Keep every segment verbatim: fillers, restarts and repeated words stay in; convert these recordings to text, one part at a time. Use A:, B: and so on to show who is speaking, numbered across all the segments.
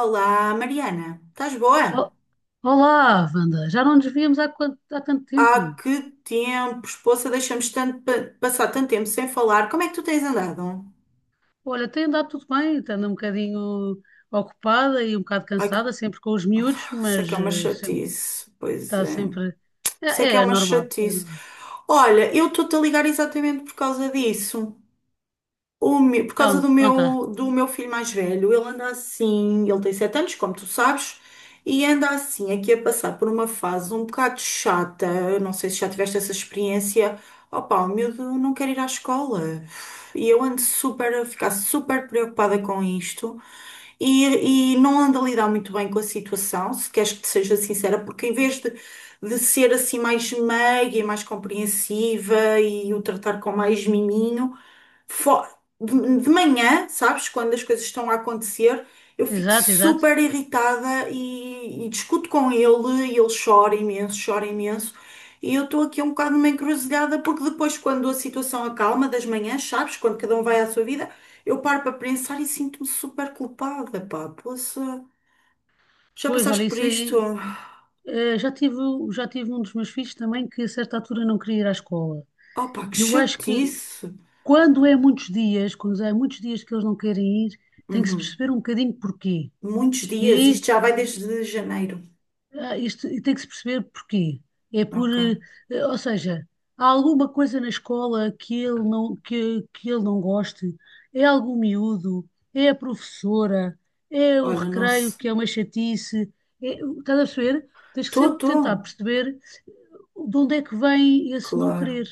A: Olá, Mariana, estás boa?
B: O- Olá, Wanda. Já não nos víamos há, quanto- há tanto
A: Há
B: tempo.
A: que tempo, esposa, deixamos tanto pa- passar tanto tempo sem falar. Como é que tu tens andado?
B: Olha, tem andado tudo bem, estando um bocadinho ocupada e um bocado
A: Ai, que,
B: cansada, sempre com os miúdos,
A: isso é
B: mas
A: que é uma
B: eh, sempre,
A: chatice. Pois
B: está
A: é,
B: sempre. É,
A: isso é que
B: é
A: é
B: é
A: uma
B: normal, é
A: chatice.
B: normal.
A: Olha, eu estou-te a ligar exatamente por causa disso. O me- por causa do
B: Então, conta.
A: meu, do meu filho mais velho, ele anda assim, ele tem sete anos, como tu sabes, e anda assim, aqui a passar por uma fase um bocado chata. Eu não sei se já tiveste essa experiência. Opa, o miúdo não quer ir à escola. E eu ando super, a ficar super preocupada com isto e, e não anda a lidar muito bem com a situação, se queres que te seja sincera, porque em vez de, de ser assim mais meiga e mais compreensiva e o tratar com mais miminho, fo- de, de manhã, sabes, quando as coisas estão a acontecer, eu fico
B: Exato, exato.
A: super irritada e, e discuto com ele e ele chora imenso, chora imenso. E eu estou aqui um bocado numa encruzilhada, porque depois, quando a situação acalma das manhãs, sabes, quando cada um vai à sua vida. Eu paro para pensar e sinto-me super culpada, pá. Poxa, já
B: Pois, olha,
A: passaste por
B: isso
A: isto?
B: aí. eh, já tive, já tive um dos meus filhos também que a certa altura não queria ir à escola.
A: Oh, pá, que
B: Eu acho que
A: chatice.
B: quando é muitos dias, quando é muitos dias que eles não querem ir, tem que se
A: Uhum.
B: perceber um bocadinho porquê.
A: Muitos
B: E
A: dias, isto
B: aí.
A: já vai desde janeiro.
B: Ah, isto tem que se perceber porquê. É por, eh,
A: Ok.
B: eh, ou seja, há alguma coisa na escola que ele não, que, que ele não goste? É algum miúdo? É a professora? É o
A: Olha,
B: recreio
A: nossa.
B: que é uma chatice? É, estás a perceber? Tens que
A: Tô,
B: sempre tentar
A: tô.
B: perceber de onde é que vem esse não
A: Claro,
B: querer.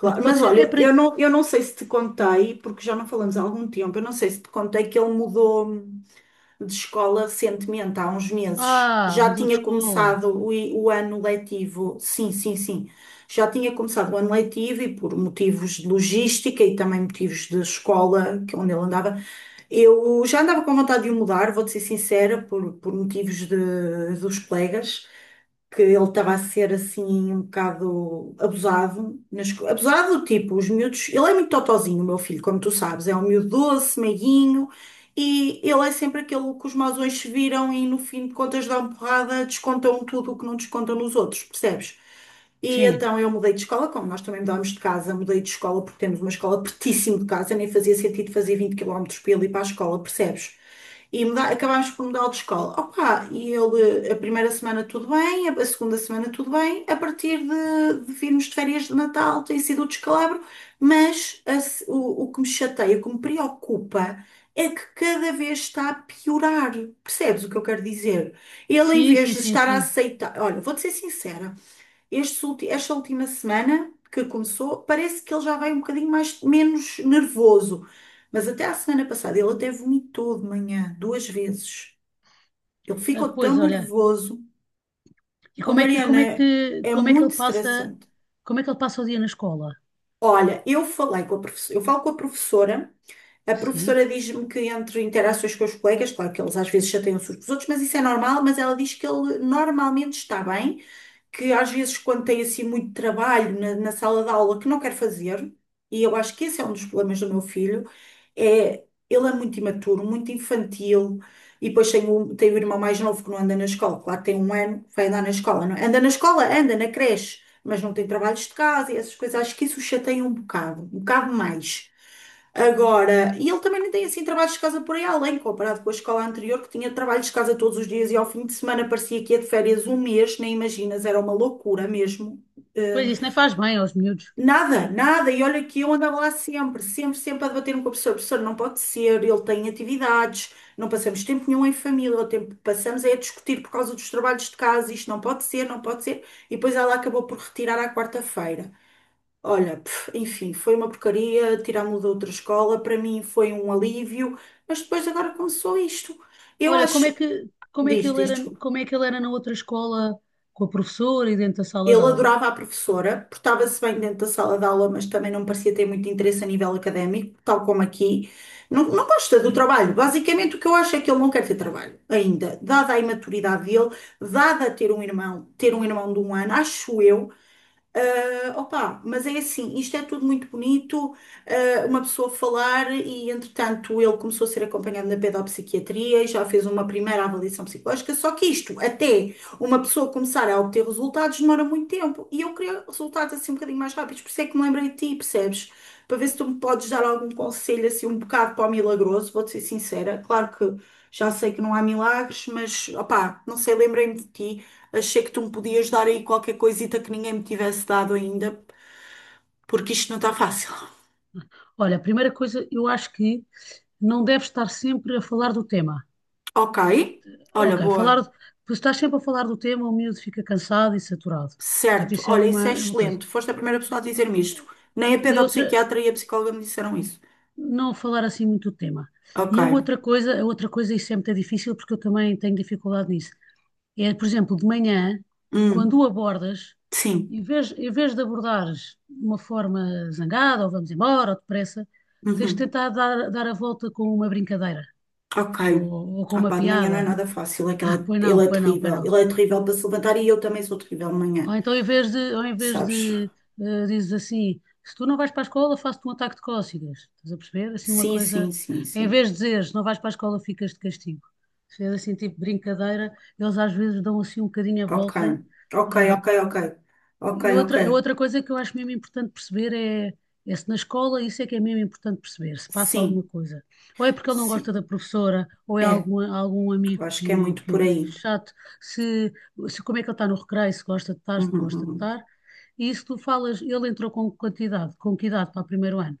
B: Porque pode
A: Mas
B: ser, é
A: olha,
B: para...
A: eu não, eu não sei se te contei, porque já não falamos há algum tempo, eu não sei se te contei que ele mudou de escola recentemente, há uns meses.
B: Ah,
A: Já
B: mudou de
A: tinha
B: escola.
A: começado o, i- o ano letivo, sim, sim, sim. Já tinha começado o ano letivo e por motivos de logística e também motivos de escola, que é onde ele andava, eu já andava com vontade de o mudar, vou-te ser sincera, por, por motivos de- dos colegas que ele estava a ser assim um bocado abusado, na esco- abusado do tipo, os miúdos, ele é muito totozinho, o meu filho, como tu sabes, é um miúdo doce, meiguinho, e ele é sempre aquele que os mausões se viram e no fim de contas dão porrada, descontam tudo o que não descontam nos outros, percebes? E
B: Sim.
A: então eu mudei de escola, como nós também mudámos de casa, mudei de escola porque temos uma escola pertíssimo de casa, nem fazia sentido fazer vinte quilómetros para ele ir ali para a escola, percebes? E muda- acabámos por mudar de escola. Opa, e ele, a primeira semana tudo bem, a a segunda semana tudo bem, a partir de, de virmos de férias de Natal tem sido o descalabro, mas a se- o, o que me chateia, o que me preocupa é que cada vez está a piorar. Percebes o que eu quero dizer? Ele, em
B: Sim,
A: vez
B: sim,
A: de
B: sim,
A: estar a
B: sim.
A: aceitar, olha, vou-te ser sincera. Este ulti- esta última semana que começou, parece que ele já vai um bocadinho mais, menos nervoso. Mas até à semana passada ele até vomitou de manhã, duas vezes. Ele
B: Ah,
A: ficou
B: pois,
A: tão
B: olha.
A: nervoso.
B: E
A: A
B: como é que, como
A: Mariana
B: é que,
A: é
B: como é que
A: muito
B: ele passa,
A: estressante.
B: como é que ele passa o dia na escola?
A: Olha, eu falei com a professora, eu falo com a professora. A
B: Sim.
A: professora diz-me que entre interações com os colegas, claro que eles às vezes chateiam-se uns com os outros, mas isso é normal, mas ela diz que ele normalmente está bem. Que às vezes quando tem assim muito trabalho na, na sala de aula que não quer fazer, e eu acho que esse é um dos problemas do meu filho, é ele é muito imaturo, muito infantil, e depois tem o, tem o irmão mais novo que não anda na escola, claro, tem um ano, vai andar na escola, não é? Anda na escola, anda na creche, mas não tem trabalhos de casa e essas coisas, acho que isso o chateia um bocado, um bocado mais. Agora, e ele também nem tem assim trabalhos de casa por aí além, comparado com a escola anterior, que tinha trabalhos de casa todos os dias e ao fim de semana parecia que ia de férias um mês, nem imaginas, era uma loucura mesmo.
B: Pois
A: Eh,
B: isso nem faz bem aos miúdos.
A: nada, nada, e olha que eu andava lá sempre, sempre, sempre a debater-me com o professor, professor, não pode ser, ele tem atividades, não passamos tempo nenhum em família, o tempo que passamos é a discutir por causa dos trabalhos de casa, isto não pode ser, não pode ser, e depois ela acabou por retirar à quarta-feira. Olha, pff, enfim, foi uma porcaria, tirar-me de outra escola, para mim foi um alívio, mas depois agora começou isto. Eu
B: Olha, como
A: acho,
B: é que, como é que
A: diz,
B: ele
A: diz,
B: era,
A: desculpa.
B: como é que ele era na outra escola com a professora e dentro da sala de
A: Ele
B: aula?
A: adorava a professora, portava-se bem dentro da sala de aula, mas também não parecia ter muito interesse a nível académico, tal como aqui. Não, não gosta do trabalho. Basicamente, o que eu acho é que ele não quer ter trabalho ainda, dada a imaturidade dele, dada ter um irmão, ter um irmão de um ano, acho eu. Ah, opa, mas é assim, isto é tudo muito bonito, ah, uma pessoa falar e, entretanto, ele começou a ser acompanhado na pedopsiquiatria e já fez uma primeira avaliação psicológica, só que isto, até uma pessoa começar a obter resultados, demora muito tempo e eu queria resultados assim um bocadinho mais rápidos, por isso é que me lembrei de ti, percebes? Para ver se tu me podes dar algum conselho assim um bocado para o milagroso, vou-te ser sincera, claro que já sei que não há milagres, mas, opa, não sei, lembrei-me de ti. Achei que tu me podias dar aí qualquer coisita que ninguém me tivesse dado ainda, porque isto não está fácil.
B: Olha, a primeira coisa, eu acho que não deves estar sempre a falar do tema.
A: Ok, olha,
B: Ok, falar,
A: boa.
B: tu estás sempre a falar do tema, o miúdo fica cansado e saturado. Portanto,
A: Certo,
B: isso é
A: olha,
B: uma,
A: isso é
B: é uma coisa.
A: excelente. Foste a primeira pessoa a dizer-me isto. Nem a
B: E outra,
A: pedopsiquiatra e a psicóloga me disseram isso.
B: não falar assim muito do tema.
A: Ok,
B: E a outra coisa, a outra coisa, isso é muito difícil porque eu também tenho dificuldade nisso. É, por exemplo, de manhã, quando
A: hum,
B: o abordas,
A: sim,
B: em vez, em vez de abordares de uma forma zangada, ou vamos embora, ou depressa, tens de
A: uhum.
B: tentar dar, dar a volta com uma brincadeira,
A: Ok.
B: ou, ou com
A: Ah
B: uma
A: pá, de manhã não é
B: piada.
A: nada fácil, é que
B: Ah,
A: ela-
B: pois não,
A: ele é
B: pois não, pois
A: terrível.
B: não.
A: Ele é terrível para se levantar e eu também sou terrível de manhã,
B: Ou então, em vez de, ou em vez
A: sabes?
B: de eh, dizes assim, se tu não vais para a escola, faço-te um ataque de cócegas. Estás a perceber? Assim, uma
A: Sim, sim,
B: coisa.
A: sim,
B: Em
A: sim.
B: vez de dizeres, não vais para a escola, ficas de castigo. Se é assim, tipo brincadeira, eles às vezes dão assim um bocadinho a
A: Ok,
B: volta,
A: ok,
B: a
A: ok,
B: volta
A: ok. Ok,
B: e
A: ok.
B: outra, outra coisa que eu acho mesmo importante perceber é, é se na escola isso é que é mesmo importante perceber, se passa alguma
A: Sim,
B: coisa. Ou é porque ele não gosta
A: sim.
B: da professora, ou é
A: É,
B: algum, algum
A: eu
B: amigo
A: acho que é
B: que,
A: muito por
B: que
A: aí.
B: chato, se, se como é que ele está no recreio, se gosta de estar, se não
A: Uhum,
B: gosta de
A: uhum.
B: estar. E isso tu falas, ele entrou com quantidade, com que idade para o primeiro ano?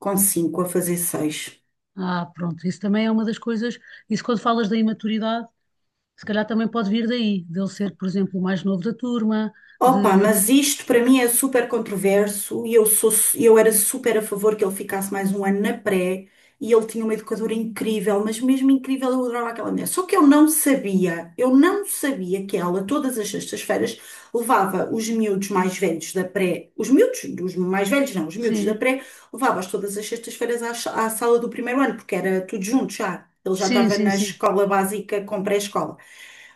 A: Com cinco a fazer seis.
B: Ah, pronto, isso também é uma das coisas, isso quando falas da imaturidade, se calhar também pode vir daí, dele ser, por exemplo, o mais novo da turma,
A: Opa,
B: de...
A: mas isto para mim é super controverso e eu sou, eu era super a favor que ele ficasse mais um ano na pré e ele tinha uma educadora incrível, mas mesmo incrível eu adorava aquela mulher. Só que eu não sabia, eu não sabia que ela todas as sextas-feiras levava os miúdos mais velhos da pré, os miúdos, os mais velhos não, os miúdos da
B: Sim,
A: pré, levava-os todas as sextas-feiras à, sa- à sala do primeiro ano, porque era tudo junto já. Ele já
B: sim,
A: estava
B: sim,
A: na
B: sim.
A: escola básica com pré-escola,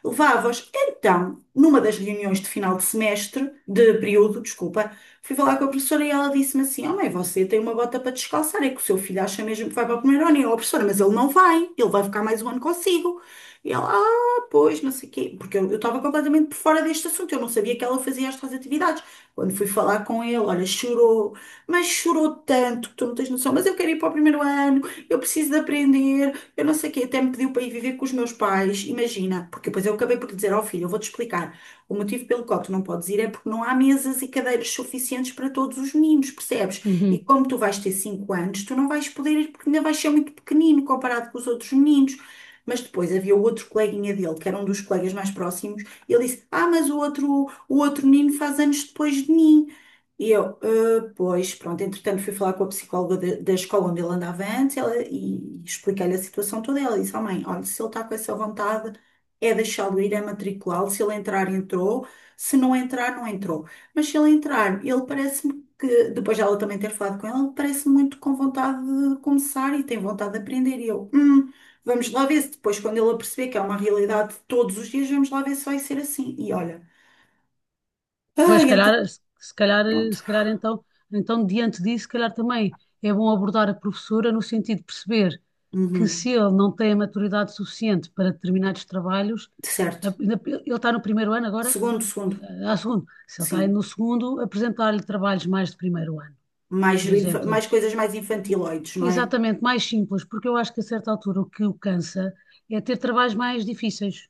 A: levava-os. Então, numa das reuniões de final de semestre, de período, desculpa, fui falar com a professora e ela disse-me assim: "Oh, mãe, você tem uma bota para descalçar, é que o seu filho acha mesmo que vai para o primeiro ano." E eu, "Oh, professora, mas ele não vai, ele vai ficar mais um ano consigo." E ela, "Ah, pois, não sei o quê", porque eu eu estava completamente por fora deste assunto, eu não sabia que ela fazia estas atividades. Quando fui falar com ele, olha, chorou, mas chorou tanto que tu não tens noção, mas eu quero ir para o primeiro ano, eu preciso de aprender, eu não sei o quê, até me pediu para ir viver com os meus pais, imagina, porque depois eu acabei por lhe dizer ao filho, eu vou-te explicar, o motivo pelo qual tu não podes ir é porque não há mesas e cadeiras suficientes para todos os meninos, percebes? E
B: Uhum.
A: como tu vais ter cinco anos, tu não vais poder ir porque ainda vais ser muito pequenino comparado com os outros meninos. Mas depois havia o outro coleguinha dele, que era um dos colegas mais próximos, e ele disse: "Ah, mas o outro, o outro menino faz anos depois de mim." E eu, "Ah, pois, pronto", entretanto fui falar com a psicóloga da, da escola onde ele andava antes, ela, e expliquei-lhe a situação toda. Ela disse, "Oh mãe, olha, se ele está com essa vontade, é deixá-lo ir, é matriculá-lo. Se ele entrar, entrou. Se não entrar, não entrou. Mas se ele entrar", ele parece-me que, depois de ela também ter falado com ele, parece muito com vontade de começar e tem vontade de aprender. E eu, hum, vamos lá ver se depois, quando ele perceber que é uma realidade de todos os dias, vamos lá ver se vai ser assim. E olha,
B: Pois, se
A: ai,
B: calhar,
A: entre...
B: se calhar,
A: Pronto.
B: se calhar então, então, diante disso, se calhar também é bom abordar a professora no sentido de perceber que
A: Uhum,
B: se ele não tem a maturidade suficiente para determinados trabalhos, a-
A: certo.
B: ainda- ele está no primeiro ano agora,
A: Segundo, segundo,
B: a segundo. Se ele está aí
A: sim.
B: no segundo, apresentar-lhe trabalhos mais de primeiro ano,
A: Mais,
B: por
A: infa-
B: exemplo.
A: Mais coisas mais infantiloides, não é?
B: Exatamente, mais simples, porque eu acho que a certa altura o que o cansa é ter trabalhos mais difíceis.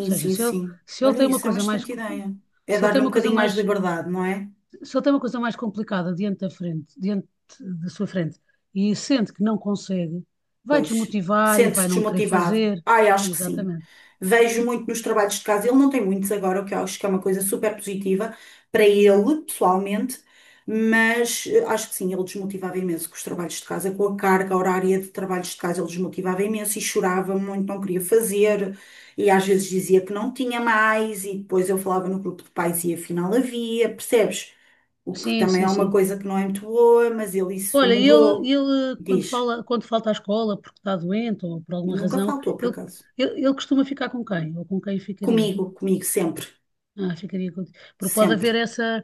B: Ou seja,
A: sim,
B: se ele,
A: sim.
B: se ele
A: Olha,
B: tem uma
A: isso é uma
B: coisa mais,
A: excelente
B: co-
A: ideia. É
B: se ele tem
A: dar-lhe um
B: uma coisa
A: bocadinho mais de
B: mais
A: liberdade, não é?
B: se ele tem uma coisa mais complicada diante da frente, diante da sua frente, e sente que não consegue, vai
A: Pois,
B: desmotivar e
A: sente-se
B: vai não querer
A: desmotivado.
B: fazer.
A: Ai, acho que sim.
B: Exatamente.
A: Vejo muito nos trabalhos de casa. Ele não tem muitos agora, o que eu acho que é uma coisa super positiva para ele, pessoalmente, mas eh, acho que sim, ele desmotivava imenso com os trabalhos de casa, com a carga horária de trabalhos de casa, ele desmotivava imenso e chorava muito, não queria fazer, e às vezes dizia que não tinha mais, e depois eu falava no grupo de pais e afinal havia, percebes? O que
B: Sim,
A: também é
B: sim,
A: uma
B: sim.
A: coisa que não é muito boa, mas ele isso
B: Olha, ele,
A: mudou.
B: ele quando
A: Diz.
B: fala, quando falta à escola porque está doente ou por alguma
A: Nunca
B: razão,
A: faltou, por
B: ele,
A: acaso.
B: ele, ele costuma ficar com quem? Ou com quem ficaria?
A: Comigo, comigo, sempre.
B: Ah, ficaria com... Porque pode
A: Sempre.
B: haver essa,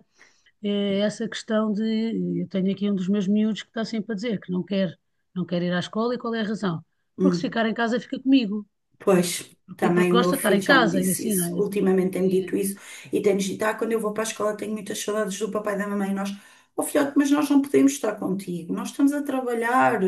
B: eh, essa questão de... Eu tenho aqui um dos meus miúdos que está sempre a dizer que não quer, não quer ir à escola e qual é a razão? Porque se
A: Hum.
B: ficar em casa fica comigo.
A: Pois,
B: E
A: também o
B: porque
A: meu
B: gosta de estar
A: filho
B: em
A: já me
B: casa e
A: disse
B: assim, não
A: isso.
B: é?
A: Ultimamente tem-me dito
B: E-
A: isso e tem-nos dito: "Ah, quando eu vou para a escola tenho muitas saudades do papai e da mamãe." E nós, "Oh filhote, mas nós não podemos estar contigo. Nós estamos a trabalhar,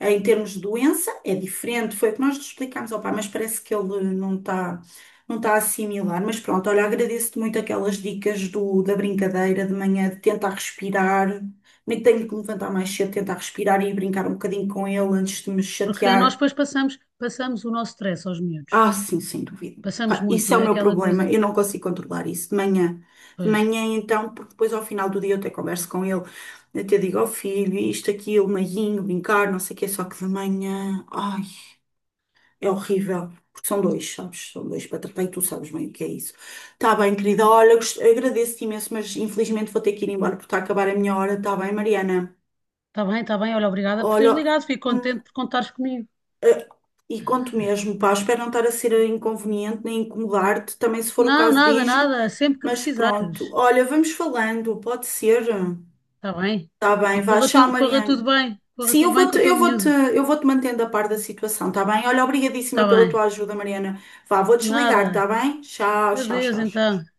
A: em termos de doença, é diferente." Foi o que nós lhe explicámos ao pai, mas parece que ele não está, não está a assimilar. Mas pronto, olha, agradeço-te muito aquelas dicas do, da brincadeira de manhã, de tentar respirar. Nem que tenho que me levantar mais cedo, tentar respirar e brincar um bocadinho com ele antes de me
B: porque nós
A: chatear.
B: depois passamos, passamos o nosso stress aos miúdos.
A: Ah, sim, sem dúvida.
B: Passamos
A: Pá,
B: muito,
A: isso é
B: não
A: o
B: é?
A: meu
B: Aquela
A: problema.
B: coisa,
A: Eu não consigo controlar isso de manhã. De
B: pois,
A: manhã, então, porque depois ao final do dia eu até converso com ele. Eu até digo ao filho, isto, aquilo, meiguinho, brincar, não sei o quê. Só que de manhã, ai, é horrível. Porque são dois, sabes? São dois para tratar e tu sabes bem o que é isso. Tá bem, querida. Olha, gost- agradeço-te imenso, mas infelizmente vou ter que ir embora porque está a acabar a minha hora. Tá bem, Mariana?
B: está bem, está bem, olha, obrigada por teres
A: Olha,
B: ligado, fico
A: hum,
B: contente por contares comigo.
A: e conto mesmo, pá, espero não estar a ser inconveniente nem incomodar-te, também se for o
B: Não,
A: caso
B: nada,
A: diz-me,
B: nada, sempre que
A: mas pronto.
B: precisares,
A: Olha, vamos falando, pode ser?
B: está bem?
A: Tá
B: E
A: bem, vá,
B: corra
A: tchau,
B: tudo, corra tudo
A: Mariana.
B: bem, corra
A: Sim, eu
B: tudo bem com
A: vou-te,
B: o teu
A: eu vou-te,
B: miúdo,
A: eu vou-te mantendo a par da situação, tá bem? Olha, obrigadíssima
B: está
A: pela
B: bem?
A: tua ajuda, Mariana. Vá, vou desligar, tá
B: Nada,
A: bem? Tchau, tchau,
B: adeus
A: tchau,
B: então.
A: tchau.